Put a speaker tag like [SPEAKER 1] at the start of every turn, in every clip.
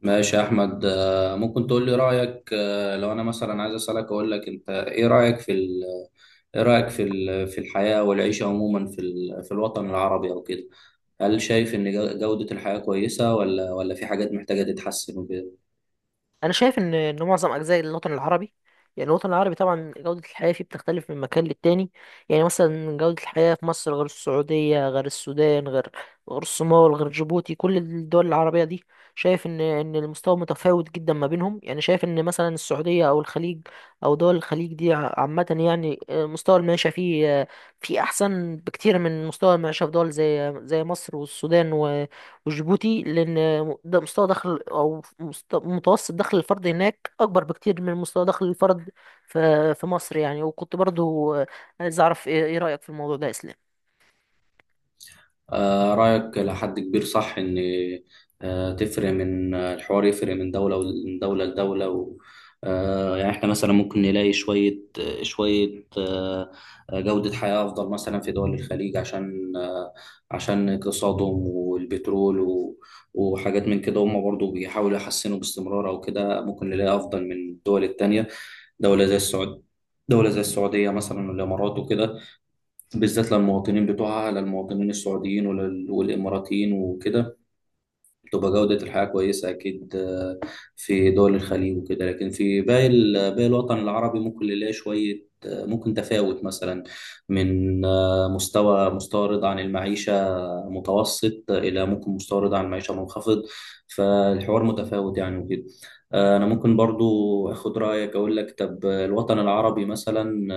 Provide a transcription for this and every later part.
[SPEAKER 1] ماشي يا احمد ممكن تقول لي رايك، لو انا مثلا عايز اسالك اقول لك انت ايه رايك في ايه رايك في ال... في الحياه والعيشه عموما في في الوطن العربي او كده. هل شايف ان جوده الحياه كويسه ولا في حاجات محتاجه تتحسن وكده؟
[SPEAKER 2] انا شايف ان معظم اجزاء الوطن العربي. يعني الوطن العربي طبعا جودة الحياة فيه بتختلف من مكان للتاني. يعني مثلا جودة الحياة في مصر غير السعودية غير السودان غير الصومال غير جيبوتي، كل الدول العربية دي. شايف ان المستوى متفاوت جدا ما بينهم. يعني شايف ان مثلا السعودية او الخليج او دول الخليج دي عامة يعني، مستوى المعيشة فيه فيه احسن بكتير من مستوى المعيشة في دول زي مصر والسودان وجيبوتي، لأن ده مستوى دخل أو متوسط دخل الفرد هناك أكبر بكتير من مستوى دخل الفرد في مصر يعني. وكنت برضو عايز أعرف إيه رأيك في الموضوع ده يا إسلام؟
[SPEAKER 1] رأيك لحد كبير صح. إن تفرق من، الحوار يفرق من دولة لدولة. و يعني إحنا مثلا ممكن نلاقي شوية، جودة حياة أفضل مثلا في دول الخليج عشان، عشان اقتصادهم والبترول وحاجات من كده. هم برضو بيحاولوا يحسنوا باستمرار أو كده، ممكن نلاقي أفضل من الدول التانية. دولة زي السعود دولة زي السعودية مثلا والإمارات وكده، بالذات للمواطنين بتوعها، للمواطنين السعوديين والإماراتيين وكده، بتبقى جودة الحياة كويسة أكيد، في دول الخليج وكده. لكن في باقي باقي الوطن العربي ممكن نلاقي شوية، ممكن تفاوت مثلا من، مستوى رضا عن المعيشة متوسط إلى ممكن مستوى رضا عن المعيشة منخفض. فالحوار متفاوت يعني وكده. أنا ممكن برضو أخد رأيك، أقول لك طب الوطن العربي مثلا،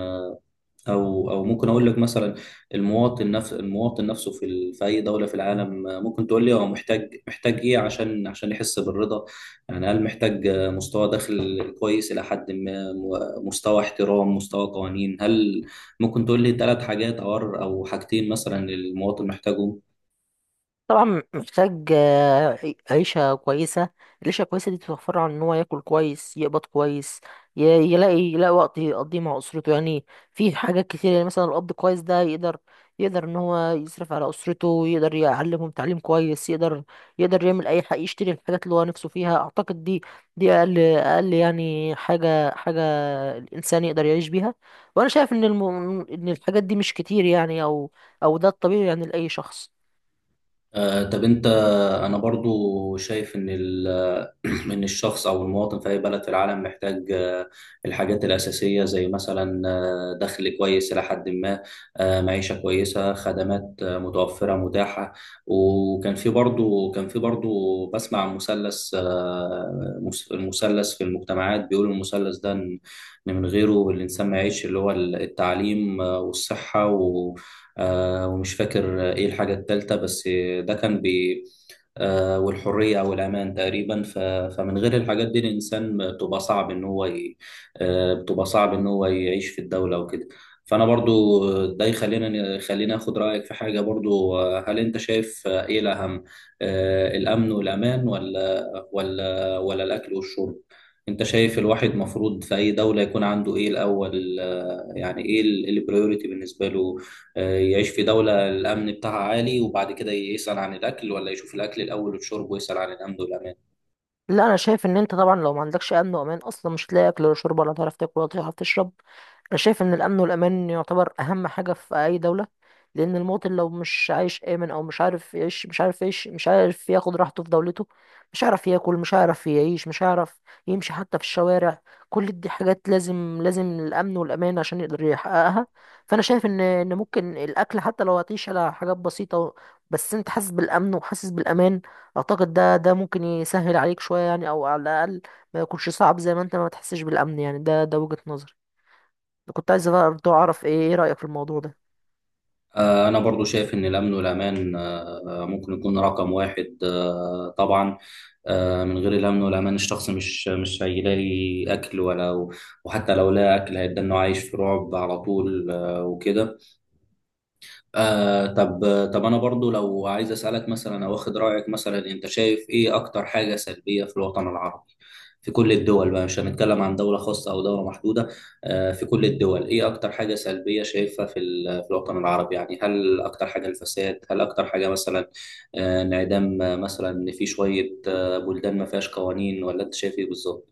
[SPEAKER 1] او ممكن اقول لك مثلا المواطن، نفس المواطن نفسه في في اي دوله في العالم، ممكن تقول لي هو محتاج، ايه عشان، يحس بالرضا. يعني هل محتاج، مستوى دخل كويس الى حد ما، مستوى احترام، مستوى قوانين؟ هل ممكن تقول لي ثلاث حاجات او حاجتين مثلا المواطن محتاجهم؟
[SPEAKER 2] طبعا محتاج، عيشة كويسة. العيشة الكويسة دي بتوفر له عن إن هو ياكل كويس، يقبض كويس، ي- يلاقي وقت يقضيه مع أسرته يعني. في حاجات كتير. يعني مثلا الأب كويس ده يقدر إن هو يصرف على أسرته، يقدر يعلمهم تعليم كويس، يقدر يعمل أي حاجة، يشتري الحاجات اللي هو نفسه فيها. أعتقد دي أقل يعني حاجة الإنسان يقدر يعيش بيها. وأنا شايف إن الحاجات دي مش كتير يعني، أو ده الطبيعي يعني لأي شخص.
[SPEAKER 1] طب انت، انا برضو شايف ان ان الشخص او المواطن في اي بلد في العالم محتاج، الحاجات الاساسيه زي مثلا، دخل كويس الى حد ما، معيشه كويسه، خدمات، متوفره متاحه. وكان في برضو كان في برضو بسمع عن مثلث، المثلث في المجتمعات، بيقولوا المثلث ده ان، من غيره الانسان ما يعيش، اللي هو التعليم، والصحه، و آه، ومش فاكر ايه الحاجه الثالثه. بس ده كان بي والحرية أو الأمان تقريبا. فمن غير الحاجات دي الإنسان بتبقى صعب إن هو ي... آه، بتبقى صعب إن هو يعيش في الدولة وكده. فأنا برضو ده يخلينا، آخد رأيك في حاجة برضو، هل أنت شايف، إيه الأهم، الأمن والأمان ولا الأكل والشرب؟ أنت شايف الواحد مفروض في أي دولة يكون عنده إيه الأول، يعني إيه البريوريتي بالنسبة له؟ يعيش في دولة الأمن بتاعها عالي وبعد كده يسأل عن الأكل، ولا يشوف الأكل الأول والشرب ويسأل عن الأمن والأمان؟
[SPEAKER 2] لا، انا شايف ان انت طبعا لو ما عندكش امن وامان اصلا مش هتلاقي اكل ولا شرب، ولا تعرف تاكل ولا تعرف تشرب. انا شايف ان الامن والامان يعتبر اهم حاجه في اي دوله، لان المواطن لو مش عايش امن، او مش عارف يعيش، مش عارف ياخد راحته في دولته، مش هيعرف ياكل، مش هيعرف يعيش، مش هيعرف يمشي حتى في الشوارع. كل دي حاجات لازم الامن والامان عشان يقدر يحققها. فانا شايف ان ممكن الاكل حتى لو هتعيش على حاجات بسيطه، بس انت حاسس بالامن وحاسس بالامان، اعتقد ده ممكن يسهل عليك شوية يعني، او على الاقل ما يكونش صعب زي ما انت ما تحسش بالامن. يعني ده وجهة نظري. كنت عايز برضه اعرف ايه رأيك في الموضوع ده؟
[SPEAKER 1] أنا برضو شايف إن الأمن والأمان، ممكن يكون رقم واحد، طبعا. من غير الأمن والأمان الشخص مش هيلاقي أكل ولا، وحتى لو لقى أكل هيبدأ إنه عايش في رعب على طول، وكده. آه طب طب انا برضو لو عايز اسالك مثلا او اخد رايك مثلا، انت شايف ايه اكتر حاجه سلبيه في الوطن العربي؟ في كل الدول بقى، مش هنتكلم عن دوله خاصه او دوله محدوده، آه في كل الدول ايه اكتر حاجه سلبيه شايفها في في الوطن العربي؟ يعني هل اكتر حاجه الفساد، هل اكتر حاجه مثلا، انعدام، مثلا ان في شويه آه بلدان ما فيهاش قوانين، ولا انت شايف ايه بالظبط؟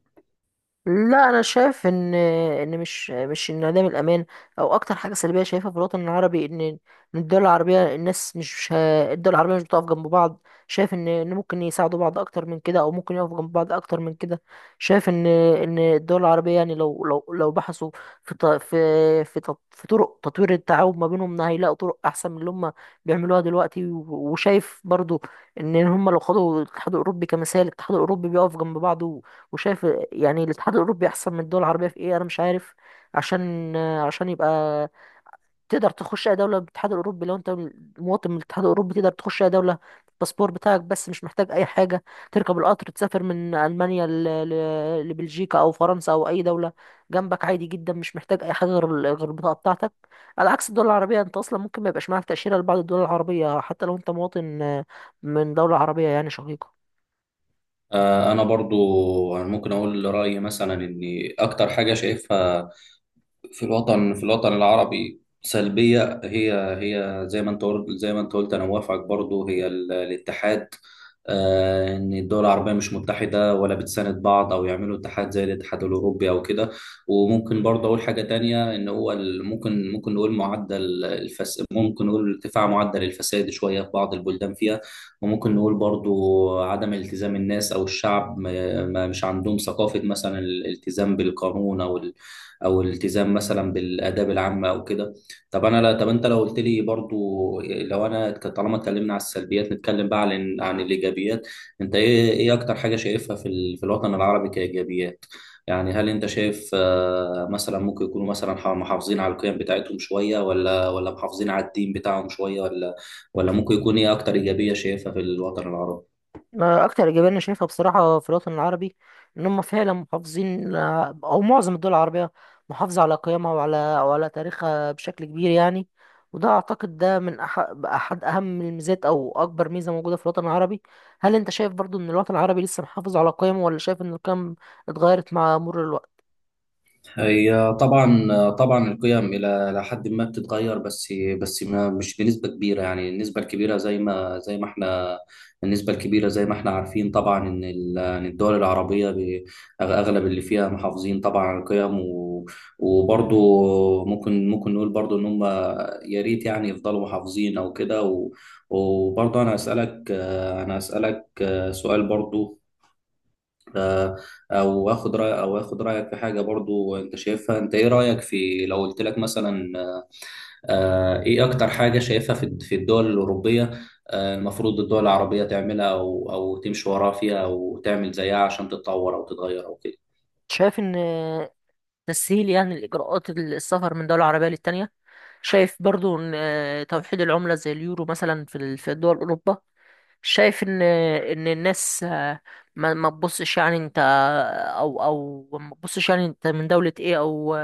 [SPEAKER 2] لا، انا شايف ان مش انعدام الامان او اكتر حاجه سلبيه شايفها في الوطن العربي ان الدول العربيه مش بتقف جنب بعض. شايف ان ممكن يساعدوا بعض اكتر من كده، او ممكن يقفوا جنب بعض اكتر من كده. شايف ان الدول العربيه يعني لو لو بحثوا في في طرق تطوير التعاون ما بينهم هيلاقوا طرق احسن من اللي هم بيعملوها دلوقتي. وشايف برضو ان هم لو خدوا الاتحاد الاوروبي كمثال، الاتحاد الاوروبي بيقف جنب بعضه. وشايف يعني الاتحاد الاوروبي احسن من الدول العربيه في ايه، انا مش عارف، عشان يبقى تقدر تخش اي دوله بالاتحاد الاوروبي. لو انت مواطن من الاتحاد الاوروبي تقدر تخش اي دوله الباسبور بتاعك بس، مش محتاج اي حاجه. تركب القطر، تسافر من المانيا لبلجيكا، او فرنسا، او اي دوله جنبك، عادي جدا، مش محتاج اي حاجه غير غير البطاقه بتاعتك. على عكس الدول العربيه، انت اصلا ممكن ما يبقاش معاك تاشيره لبعض الدول العربيه حتى لو انت مواطن من دوله عربيه يعني شقيقه.
[SPEAKER 1] انا برضو ممكن اقول رايي مثلا، ان اكتر حاجه شايفها في الوطن، العربي سلبية، هي هي، زي ما انت قلت انا موافقك برضو، هي الاتحاد، ان الدول العربية مش متحدة ولا بتساند بعض او يعملوا اتحاد زي الاتحاد الاوروبي او كده. وممكن برضه اقول حاجة تانية، ان هو ممكن نقول ارتفاع معدل الفساد شوية في بعض البلدان فيها. وممكن نقول برضو عدم التزام الناس او الشعب، مش عندهم ثقافة مثلا الالتزام بالقانون، او الالتزام مثلا بالاداب العامه او كده. طب انا لا طب انت لو قلت لي برضو، لو انا طالما اتكلمنا على السلبيات نتكلم بقى عن الايجابيات، انت ايه اكتر حاجه شايفها في في الوطن العربي كايجابيات؟ يعني هل انت شايف، مثلا ممكن يكونوا مثلا محافظين على القيم بتاعتهم شويه، ولا محافظين على الدين بتاعهم شويه، ولا ممكن يكون ايه اكتر ايجابيه شايفها في الوطن العربي؟
[SPEAKER 2] أنا اكتر ايجابيه انا شايفها بصراحه في الوطن العربي ان هم فعلا محافظين، او معظم الدول العربيه محافظه على قيمها وعلى تاريخها بشكل كبير يعني. وده اعتقد ده من احد اهم الميزات، او اكبر ميزه موجوده في الوطن العربي. هل انت شايف برضو ان الوطن العربي لسه محافظ على قيمه، ولا شايف ان القيم اتغيرت مع مرور الوقت؟
[SPEAKER 1] هي طبعا القيم الى إلى حد ما بتتغير، بس ما مش بنسبه كبيره. يعني النسبه الكبيره زي ما زي ما احنا النسبه الكبيره زي ما احنا عارفين طبعا ان إن الدول العربيه اغلب اللي فيها محافظين طبعا على القيم، وبرضو ممكن نقول برضو ان هم يا ريت يعني يفضلوا محافظين او كده. وبرضو انا اسالك سؤال برضو، آه، او اخد رايك في حاجه برضو انت شايفها. انت ايه رايك في لو قلت لك مثلا، ايه اكتر حاجه شايفها في في الدول الاوروبيه، المفروض الدول العربيه تعملها او تمشي وراها فيها او تعمل زيها عشان تتطور او تتغير او كده؟
[SPEAKER 2] شايف ان تسهيل يعني الاجراءات السفر من دوله عربيه للتانيه. شايف برضو ان توحيد العمله زي اليورو مثلا في دول اوروبا. شايف ان الناس، ما تبصش يعني انت، او او ما تبصش يعني انت من دولة ايه، او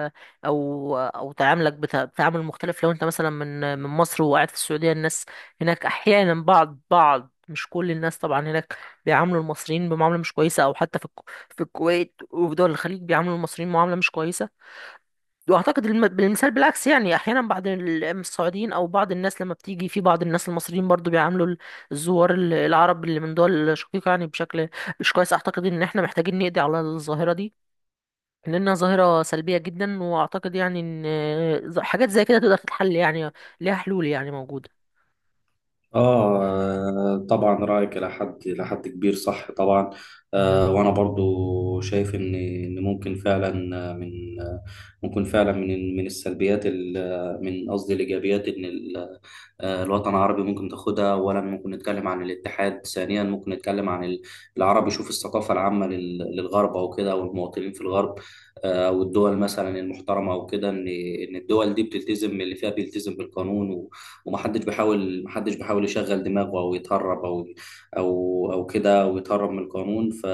[SPEAKER 2] تعاملك بتعامل مختلف لو انت مثلا من مصر وقاعد في السعودية. الناس هناك احيانا بعض مش كل الناس طبعا هناك بيعاملوا المصريين بمعاملة مش كويسة، او حتى في في الكويت وفي دول الخليج بيعاملوا المصريين معاملة مش كويسة. واعتقد بالمثال بالعكس يعني احيانا بعض السعوديين، او بعض الناس لما بتيجي في بعض الناس المصريين برضو بيعاملوا الزوار العرب اللي من دول شقيقة يعني بشكل مش كويس. اعتقد ان احنا محتاجين نقضي على الظاهرة دي لانها ظاهرة سلبية جدا. واعتقد يعني ان حاجات زي كده تقدر تتحل يعني، ليها حلول يعني موجودة.
[SPEAKER 1] آه طبعا رأيك إلى حد، كبير صح طبعا. آه وأنا برضو شايف إن ممكن فعلا من من السلبيات من قصدي الإيجابيات، إن الوطن العربي ممكن تاخدها. أولا ممكن نتكلم عن الاتحاد، ثانيا ممكن نتكلم عن العرب يشوف الثقافة العامة للغرب أو كده، والمواطنين في الغرب، والدول مثلا المحترمة أو كده، إن الدول دي بتلتزم، اللي فيها بيلتزم بالقانون. ومحدش بيحاول، محدش بيحاول يشغل دماغه او يتهرب، او كده او يتهرب من القانون. ف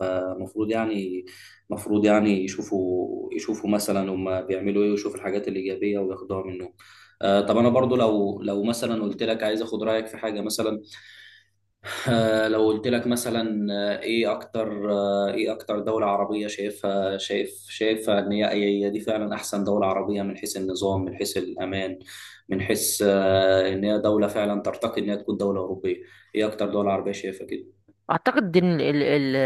[SPEAKER 1] فمفروض يعني مفروض يعني يشوفوا، مثلا هم بيعملوا ايه، ويشوفوا الحاجات الايجابيه وياخدوها منهم. طب انا برضو لو مثلا قلت لك عايز اخد رايك في حاجه مثلا، لو قلت لك مثلا، ايه اكتر دولة عربية شايفها، شايفها ان هي، دي فعلا احسن دولة عربية من حيث النظام، من حيث الامان، من حيث، ان هي دولة فعلا ترتقي ان هي تكون دولة اوروبية؟ ايه اكتر دولة عربية شايفها كده؟
[SPEAKER 2] اعتقد ان ال ال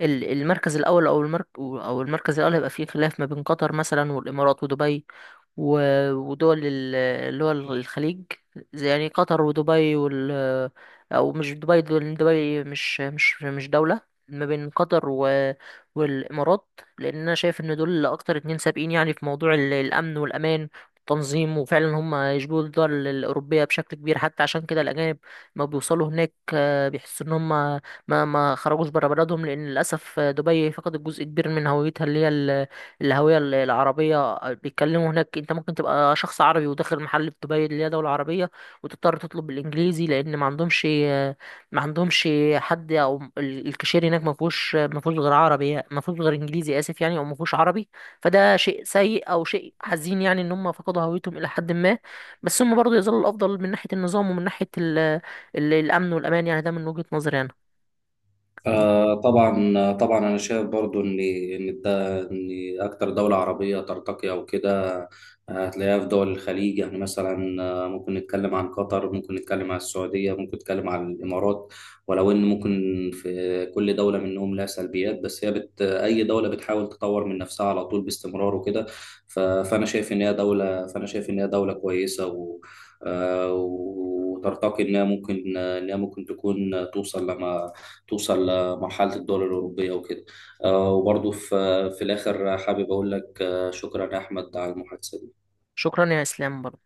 [SPEAKER 2] ال- المركز الاول، او المركز الاول هيبقى فيه خلاف ما بين قطر مثلا والامارات ودبي، ودول اللي هو الخليج، زي يعني قطر ودبي او مش دبي، دول دبي مش دولة. ما بين قطر والامارات، لان انا شايف ان دول اكتر اتنين سابقين يعني في موضوع الامن والامان والتنظيم، وفعلا هم يشبهوا الدول الاوروبيه بشكل كبير. حتى عشان كده الاجانب ما بيوصلوا هناك بيحسوا ان هم ما خرجوش بره بلدهم، لان للاسف، دبي فقدت جزء كبير من هويتها اللي هي الهوية العربية. بيتكلموا هناك، انت ممكن تبقى شخص عربي وداخل محل في دبي اللي هي دولة عربية، وتضطر تطلب بالانجليزي لان ما عندهمش حد، او الكاشير هناك ما فيهوش غير عربي يعني، ما فيهوش غير انجليزي، اسف يعني، او ما فيهوش عربي. فده شيء سيء او شيء حزين يعني ان هم فقدوا هويتهم الى حد ما. بس هم برضه يظلوا الافضل من ناحية النظام، ومن ناحية ال ال الامن والامان. يعني ده من وجهة نظري انا.
[SPEAKER 1] آه طبعا انا شايف برضو ان ده، ان اكتر دوله عربيه ترتقي او كده، هتلاقيها في دول الخليج. يعني مثلا، ممكن نتكلم عن قطر، ممكن نتكلم عن السعوديه، ممكن نتكلم عن الامارات. ولو ان ممكن في كل دوله منهم لها سلبيات، بس هي اي دوله بتحاول تطور من نفسها على طول باستمرار وكده. فانا شايف ان هي دوله كويسه، و آه، وترتقي انها ممكن، تكون توصل توصل لمرحلة الدول الأوروبية وكده. وبرضه في في الآخر حابب أقول لك، شكرا يا أحمد على المحادثة دي.
[SPEAKER 2] شكرا يا اسلام برضه.